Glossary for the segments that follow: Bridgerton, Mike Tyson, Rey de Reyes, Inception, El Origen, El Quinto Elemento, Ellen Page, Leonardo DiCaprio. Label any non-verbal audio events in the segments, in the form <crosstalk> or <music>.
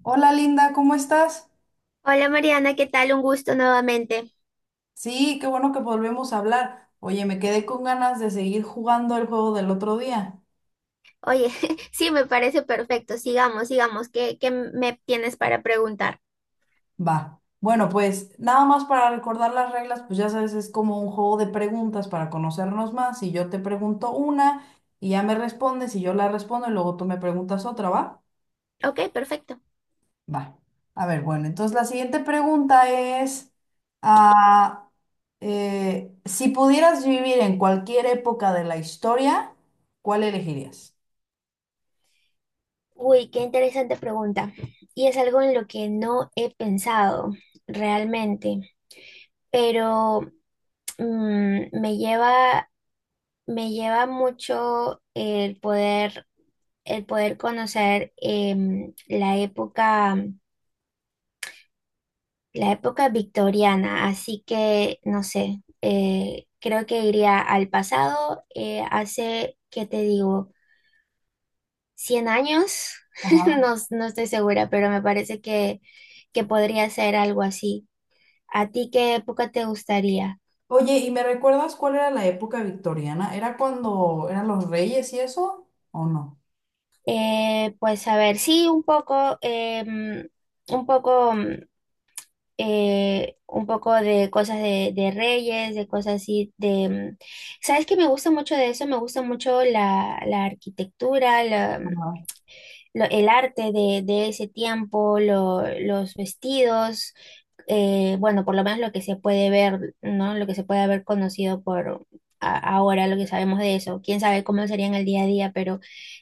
Hola Linda, ¿cómo estás? Hola Mariana, ¿qué tal? Un gusto nuevamente. Sí, qué bueno que volvemos a hablar. Oye, me quedé con ganas de seguir jugando el juego del otro día. Oye, <laughs> sí, me parece perfecto. Sigamos, sigamos. ¿Qué me tienes para preguntar? Va. Bueno, pues nada más para recordar las reglas, pues ya sabes, es como un juego de preguntas para conocernos más. Y yo te pregunto una y ya me respondes y yo la respondo y luego tú me preguntas otra, ¿va? Ok, perfecto. Va. A ver, bueno, entonces la siguiente pregunta es, ah, si pudieras vivir en cualquier época de la historia, ¿cuál elegirías? Uy, qué interesante pregunta. Y es algo en lo que no he pensado realmente, pero mm, me lleva, me lleva mucho el poder conocer la época. La época victoriana, así que no sé, creo que iría al pasado, hace, ¿qué te digo? ¿100 años? <laughs> Ajá. No, no estoy segura, pero me parece que podría ser algo así. ¿A ti qué época te gustaría? Oye, ¿y me recuerdas cuál era la época victoriana? ¿Era cuando eran los reyes y eso? ¿O no? Pues a ver, sí, un poco, un poco. Un poco de cosas de reyes, de cosas así, de... ¿Sabes qué me gusta mucho de eso? Me gusta mucho la arquitectura, Ajá. El arte de ese tiempo, los vestidos, bueno, por lo menos lo que se puede ver, ¿no? Lo que se puede haber conocido por... Ahora lo que sabemos de eso, quién sabe cómo sería en el día a día, pero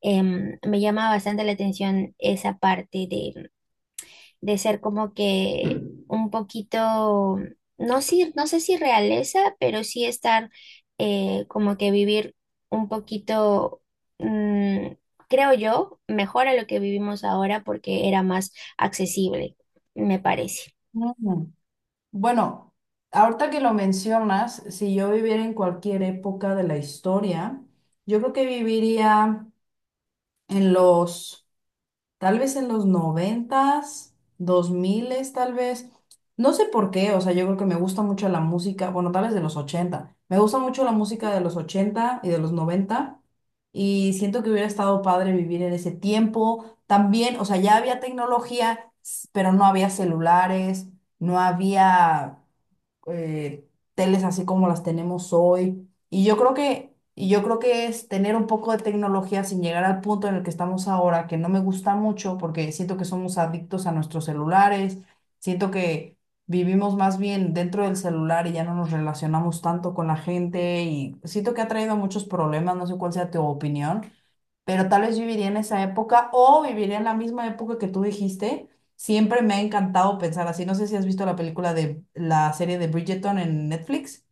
me llama bastante la atención esa parte de ser como que un poquito, no, si, no sé si realeza, pero sí estar como que vivir un poquito, mm, creo yo, mejor a lo que vivimos ahora porque era más accesible, me parece. Mm. Bueno, ahorita que lo mencionas, si yo viviera en cualquier época de la historia, yo creo que viviría en los tal vez en los noventas, dos miles, tal vez. No sé por qué, o sea, yo creo que me gusta mucho la música, bueno, tal vez de los ochenta. Me gusta mucho la música de los ochenta y de los noventa. Y siento que hubiera estado padre vivir en ese tiempo. También, o sea, ya había tecnología, pero no había celulares, no había eh, teles así como las tenemos hoy. Y yo creo que es tener un poco de tecnología sin llegar al punto en el que estamos ahora, que no me gusta mucho porque siento que somos adictos a nuestros celulares, siento que vivimos más bien dentro del celular y ya no nos relacionamos tanto con la gente y siento que ha traído muchos problemas. No sé cuál sea tu opinión, pero tal vez viviría en esa época o viviría en la misma época que tú dijiste. Siempre me ha encantado pensar así. No sé si has visto la película de la serie de Bridgerton en Netflix.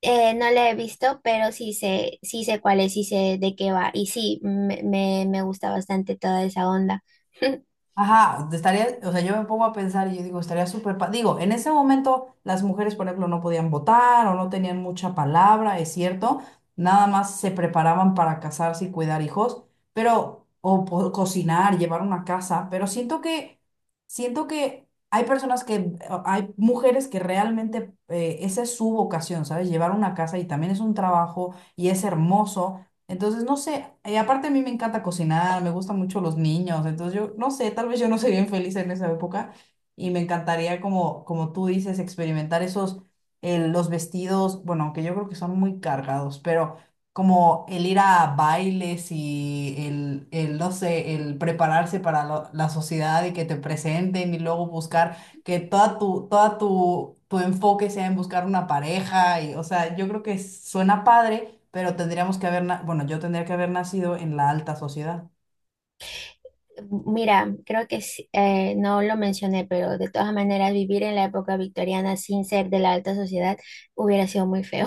No la he visto, pero sí sé cuál es, sí sé de qué va. Y sí, me gusta bastante toda esa onda. <laughs> Ajá, estaría, o sea, yo me pongo a pensar y yo digo, estaría súper, digo, en ese momento las mujeres, por ejemplo, no podían votar o no tenían mucha palabra, es cierto, nada más se preparaban para casarse y cuidar hijos, pero, cocinar, llevar una casa, pero siento que hay personas que, hay mujeres que realmente, esa es su vocación, ¿sabes? Llevar una casa y también es un trabajo y es hermoso. Entonces, no sé, y aparte a mí me encanta cocinar, me gustan mucho los niños, entonces yo no sé, tal vez yo no soy bien feliz en esa época y me encantaría, como tú dices, experimentar esos, los vestidos, bueno, aunque yo creo que son muy cargados, pero como el ir a bailes y no sé, el prepararse para la sociedad y que te presenten y luego buscar que tu enfoque sea en buscar una pareja y, o sea, yo creo que suena padre, pero tendríamos que haber, bueno, yo tendría que haber nacido en la alta sociedad. Mira, creo que sí, no lo mencioné, pero de todas maneras vivir en la época victoriana sin ser de la alta sociedad hubiera sido muy feo.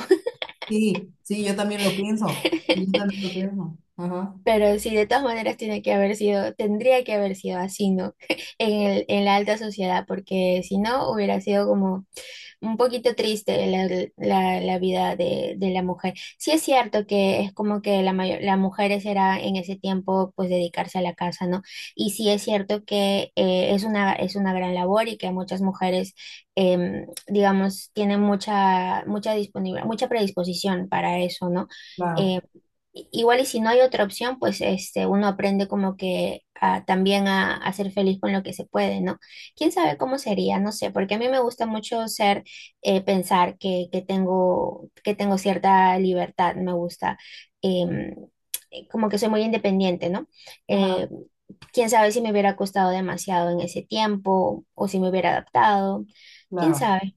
Sí, sí, yo también lo pienso. Sí, yo <laughs> también lo pienso. Ajá. Pero sí, de todas maneras tiene que haber sido, tendría que haber sido así, ¿no? <laughs> En la alta sociedad, porque si no hubiera sido como un poquito triste la vida de la mujer. Sí es cierto que es como que la mayor, las mujeres era en ese tiempo pues dedicarse a la casa, ¿no? Y sí es cierto que es una gran labor y que muchas mujeres, digamos, tienen mucha disponibilidad, mucha predisposición para eso, ¿no? Claro. Eh, Igual y si no hay otra opción, pues este, uno aprende como que también a ser feliz con lo que se puede, ¿no? ¿Quién sabe cómo sería? No sé, porque a mí me gusta mucho ser pensar que tengo cierta libertad, me gusta, em, como que soy muy independiente, ¿no? Ajá. Eh, quién sabe si me hubiera costado demasiado en ese tiempo o si me hubiera adaptado, quién Claro. sabe.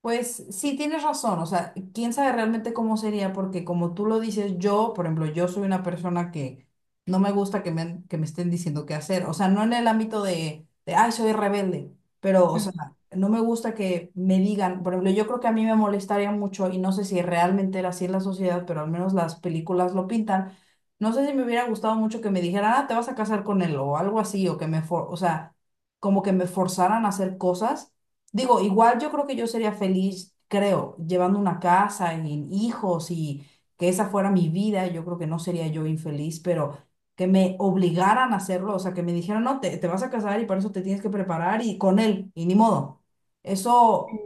Pues sí, tienes razón, o sea, quién sabe realmente cómo sería, porque como tú lo dices, yo, por ejemplo, yo soy una persona que no me gusta que me, estén diciendo qué hacer. O sea, no en el ámbito de, ay, soy rebelde, pero, o sea, Ujú. no me gusta que me digan. Por ejemplo, yo creo que a mí me molestaría mucho, y no sé si realmente era así en la sociedad, pero al menos las películas lo pintan. No sé si me hubiera gustado mucho que me dijeran, ah, te vas a casar con él, o algo así, o que me, o sea, como que me forzaran a hacer cosas. Digo, igual yo creo que yo sería feliz, creo, llevando una casa y hijos y que esa fuera mi vida. Yo creo que no sería yo infeliz, pero que me obligaran a hacerlo, o sea, que me dijeran, no, te vas a casar y para eso te tienes que preparar y con él, y ni modo. Eso,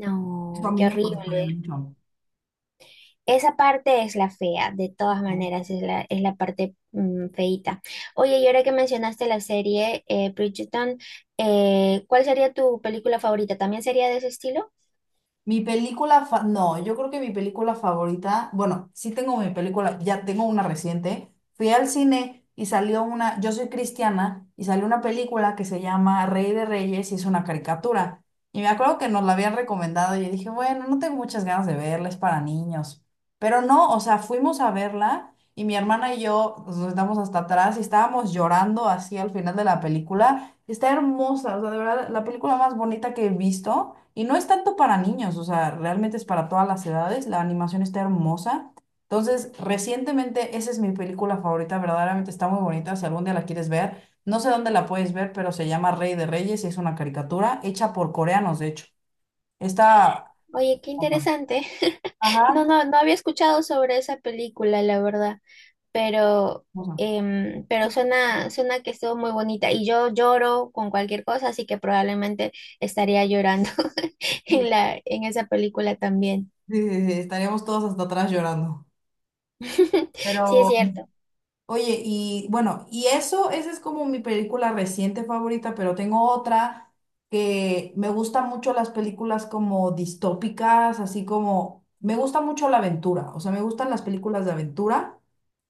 eso a No, mí qué me molestaría horrible. mucho. Esa parte es la fea, de todas maneras, es la parte feíta. Oye, y ahora que mencionaste la serie Bridgerton, ¿cuál sería tu película favorita? ¿También sería de ese estilo? Mi película, no, yo creo que mi película favorita, bueno, sí tengo mi película, ya tengo una reciente. Fui al cine y salió una, yo soy cristiana, y salió una película que se llama Rey de Reyes y es una caricatura. Y me acuerdo que nos la habían recomendado y yo dije, bueno, no tengo muchas ganas de verla, es para niños. Pero no, o sea, fuimos a verla y mi hermana y yo nos sentamos hasta atrás y estábamos llorando así al final de la película. Está hermosa, o sea, de verdad, la película más bonita que he visto. Y no es tanto para niños, o sea, realmente es para todas las edades. La animación está hermosa. Entonces, recientemente, esa es mi película favorita, verdaderamente está muy bonita. Si algún día la quieres ver, no sé dónde la puedes ver, pero se llama Rey de Reyes y es una caricatura hecha por coreanos, de hecho. Ah, está. Oye, qué Ajá. interesante. <laughs> No, Ajá. No había escuchado sobre esa película, la verdad, pero, pero suena, suena que estuvo muy bonita y yo lloro con cualquier cosa, así que probablemente estaría llorando <laughs> Sí, en la, en esa película también. sí, sí, estaríamos todos hasta atrás llorando. <laughs> Sí, es Pero. cierto. Oye, y bueno, y eso, esa es como mi película reciente favorita, pero tengo otra. Que me gusta mucho las películas como distópicas, así como me gusta mucho la aventura, o sea, me gustan las películas de aventura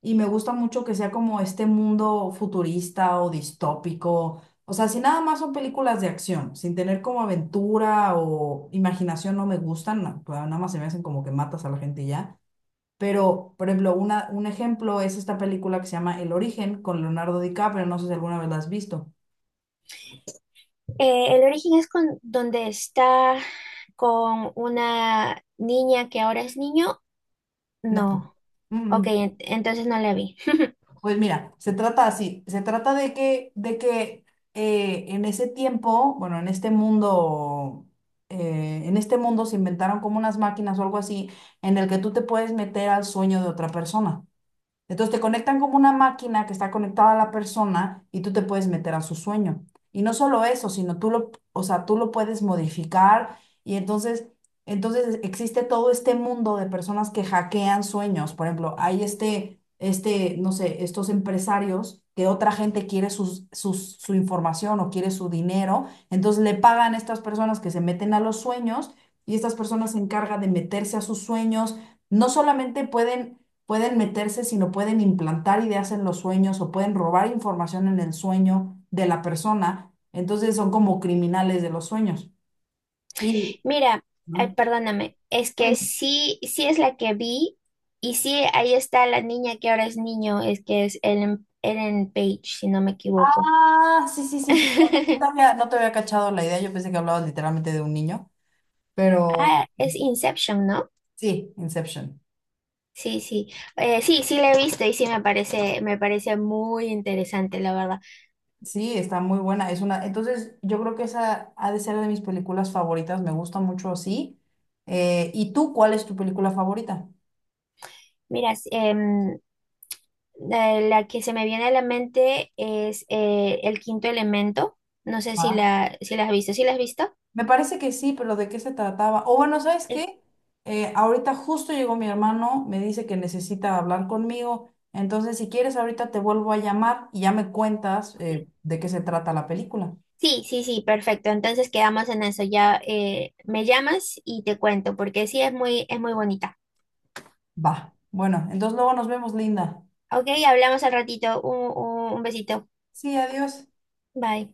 y me gusta mucho que sea como este mundo futurista o distópico. O sea, si nada más son películas de acción, sin tener como aventura o imaginación, no me gustan, nada más se me hacen como que matas a la gente y ya. Pero, por ejemplo, un ejemplo es esta película que se llama El Origen con Leonardo DiCaprio. No sé si alguna vez la has visto. El origen es con donde está con una niña que ahora es niño. No. No, Mm, ok, mm. Entonces no la vi. <laughs> Pues mira, se trata así. Se trata de que en ese tiempo, bueno, en este mundo se inventaron como unas máquinas o algo así, en el que tú te puedes meter al sueño de otra persona. Entonces te conectan como una máquina que está conectada a la persona y tú te puedes meter a su sueño. Y no solo eso, sino tú lo, o sea, tú lo puedes modificar y entonces, entonces existe todo este mundo de personas que hackean sueños. Por ejemplo, hay este, no sé, estos empresarios que otra gente quiere su información o quiere su dinero, entonces le pagan a estas personas que se meten a los sueños y estas personas se encargan de meterse a sus sueños. No solamente pueden meterse, sino pueden implantar ideas en los sueños o pueden robar información en el sueño de la persona. Entonces son como criminales de los sueños. Y, Mira, ¿no? ay, perdóname, es que sí, sí es la que vi y sí, ahí está la niña que ahora es niño, es que es Ellen, Ellen Page, si no me equivoco. Ah, sí, sí, sí, perdón, no no te <laughs> había, no te había cachado la idea, yo pensé que hablabas literalmente de un niño, pero Ah, es Inception, ¿no? sí, Inception. Sí, sí, sí, sí la he visto y sí me parece muy interesante, la verdad. Sí, está muy buena, es una, entonces yo creo que esa ha de ser de mis películas favoritas, me gusta mucho así. ¿Y tú cuál es tu película favorita? Mira, la que se me viene a la mente es El Quinto Elemento, no sé si Ah. Si la has visto, ¿sí la has visto? Me parece que sí, pero ¿de qué se trataba? O bueno, ¿sabes qué? Ahorita justo llegó mi hermano, me dice que necesita hablar conmigo, entonces si quieres ahorita te vuelvo a llamar y ya me cuentas, de qué se trata la película. Sí, sí, sí, perfecto. Entonces quedamos en eso. Ya me llamas y te cuento, porque sí es muy bonita. Va, bueno, entonces luego nos vemos, Linda. Ok, hablamos al ratito. Un besito. Sí, adiós. Bye.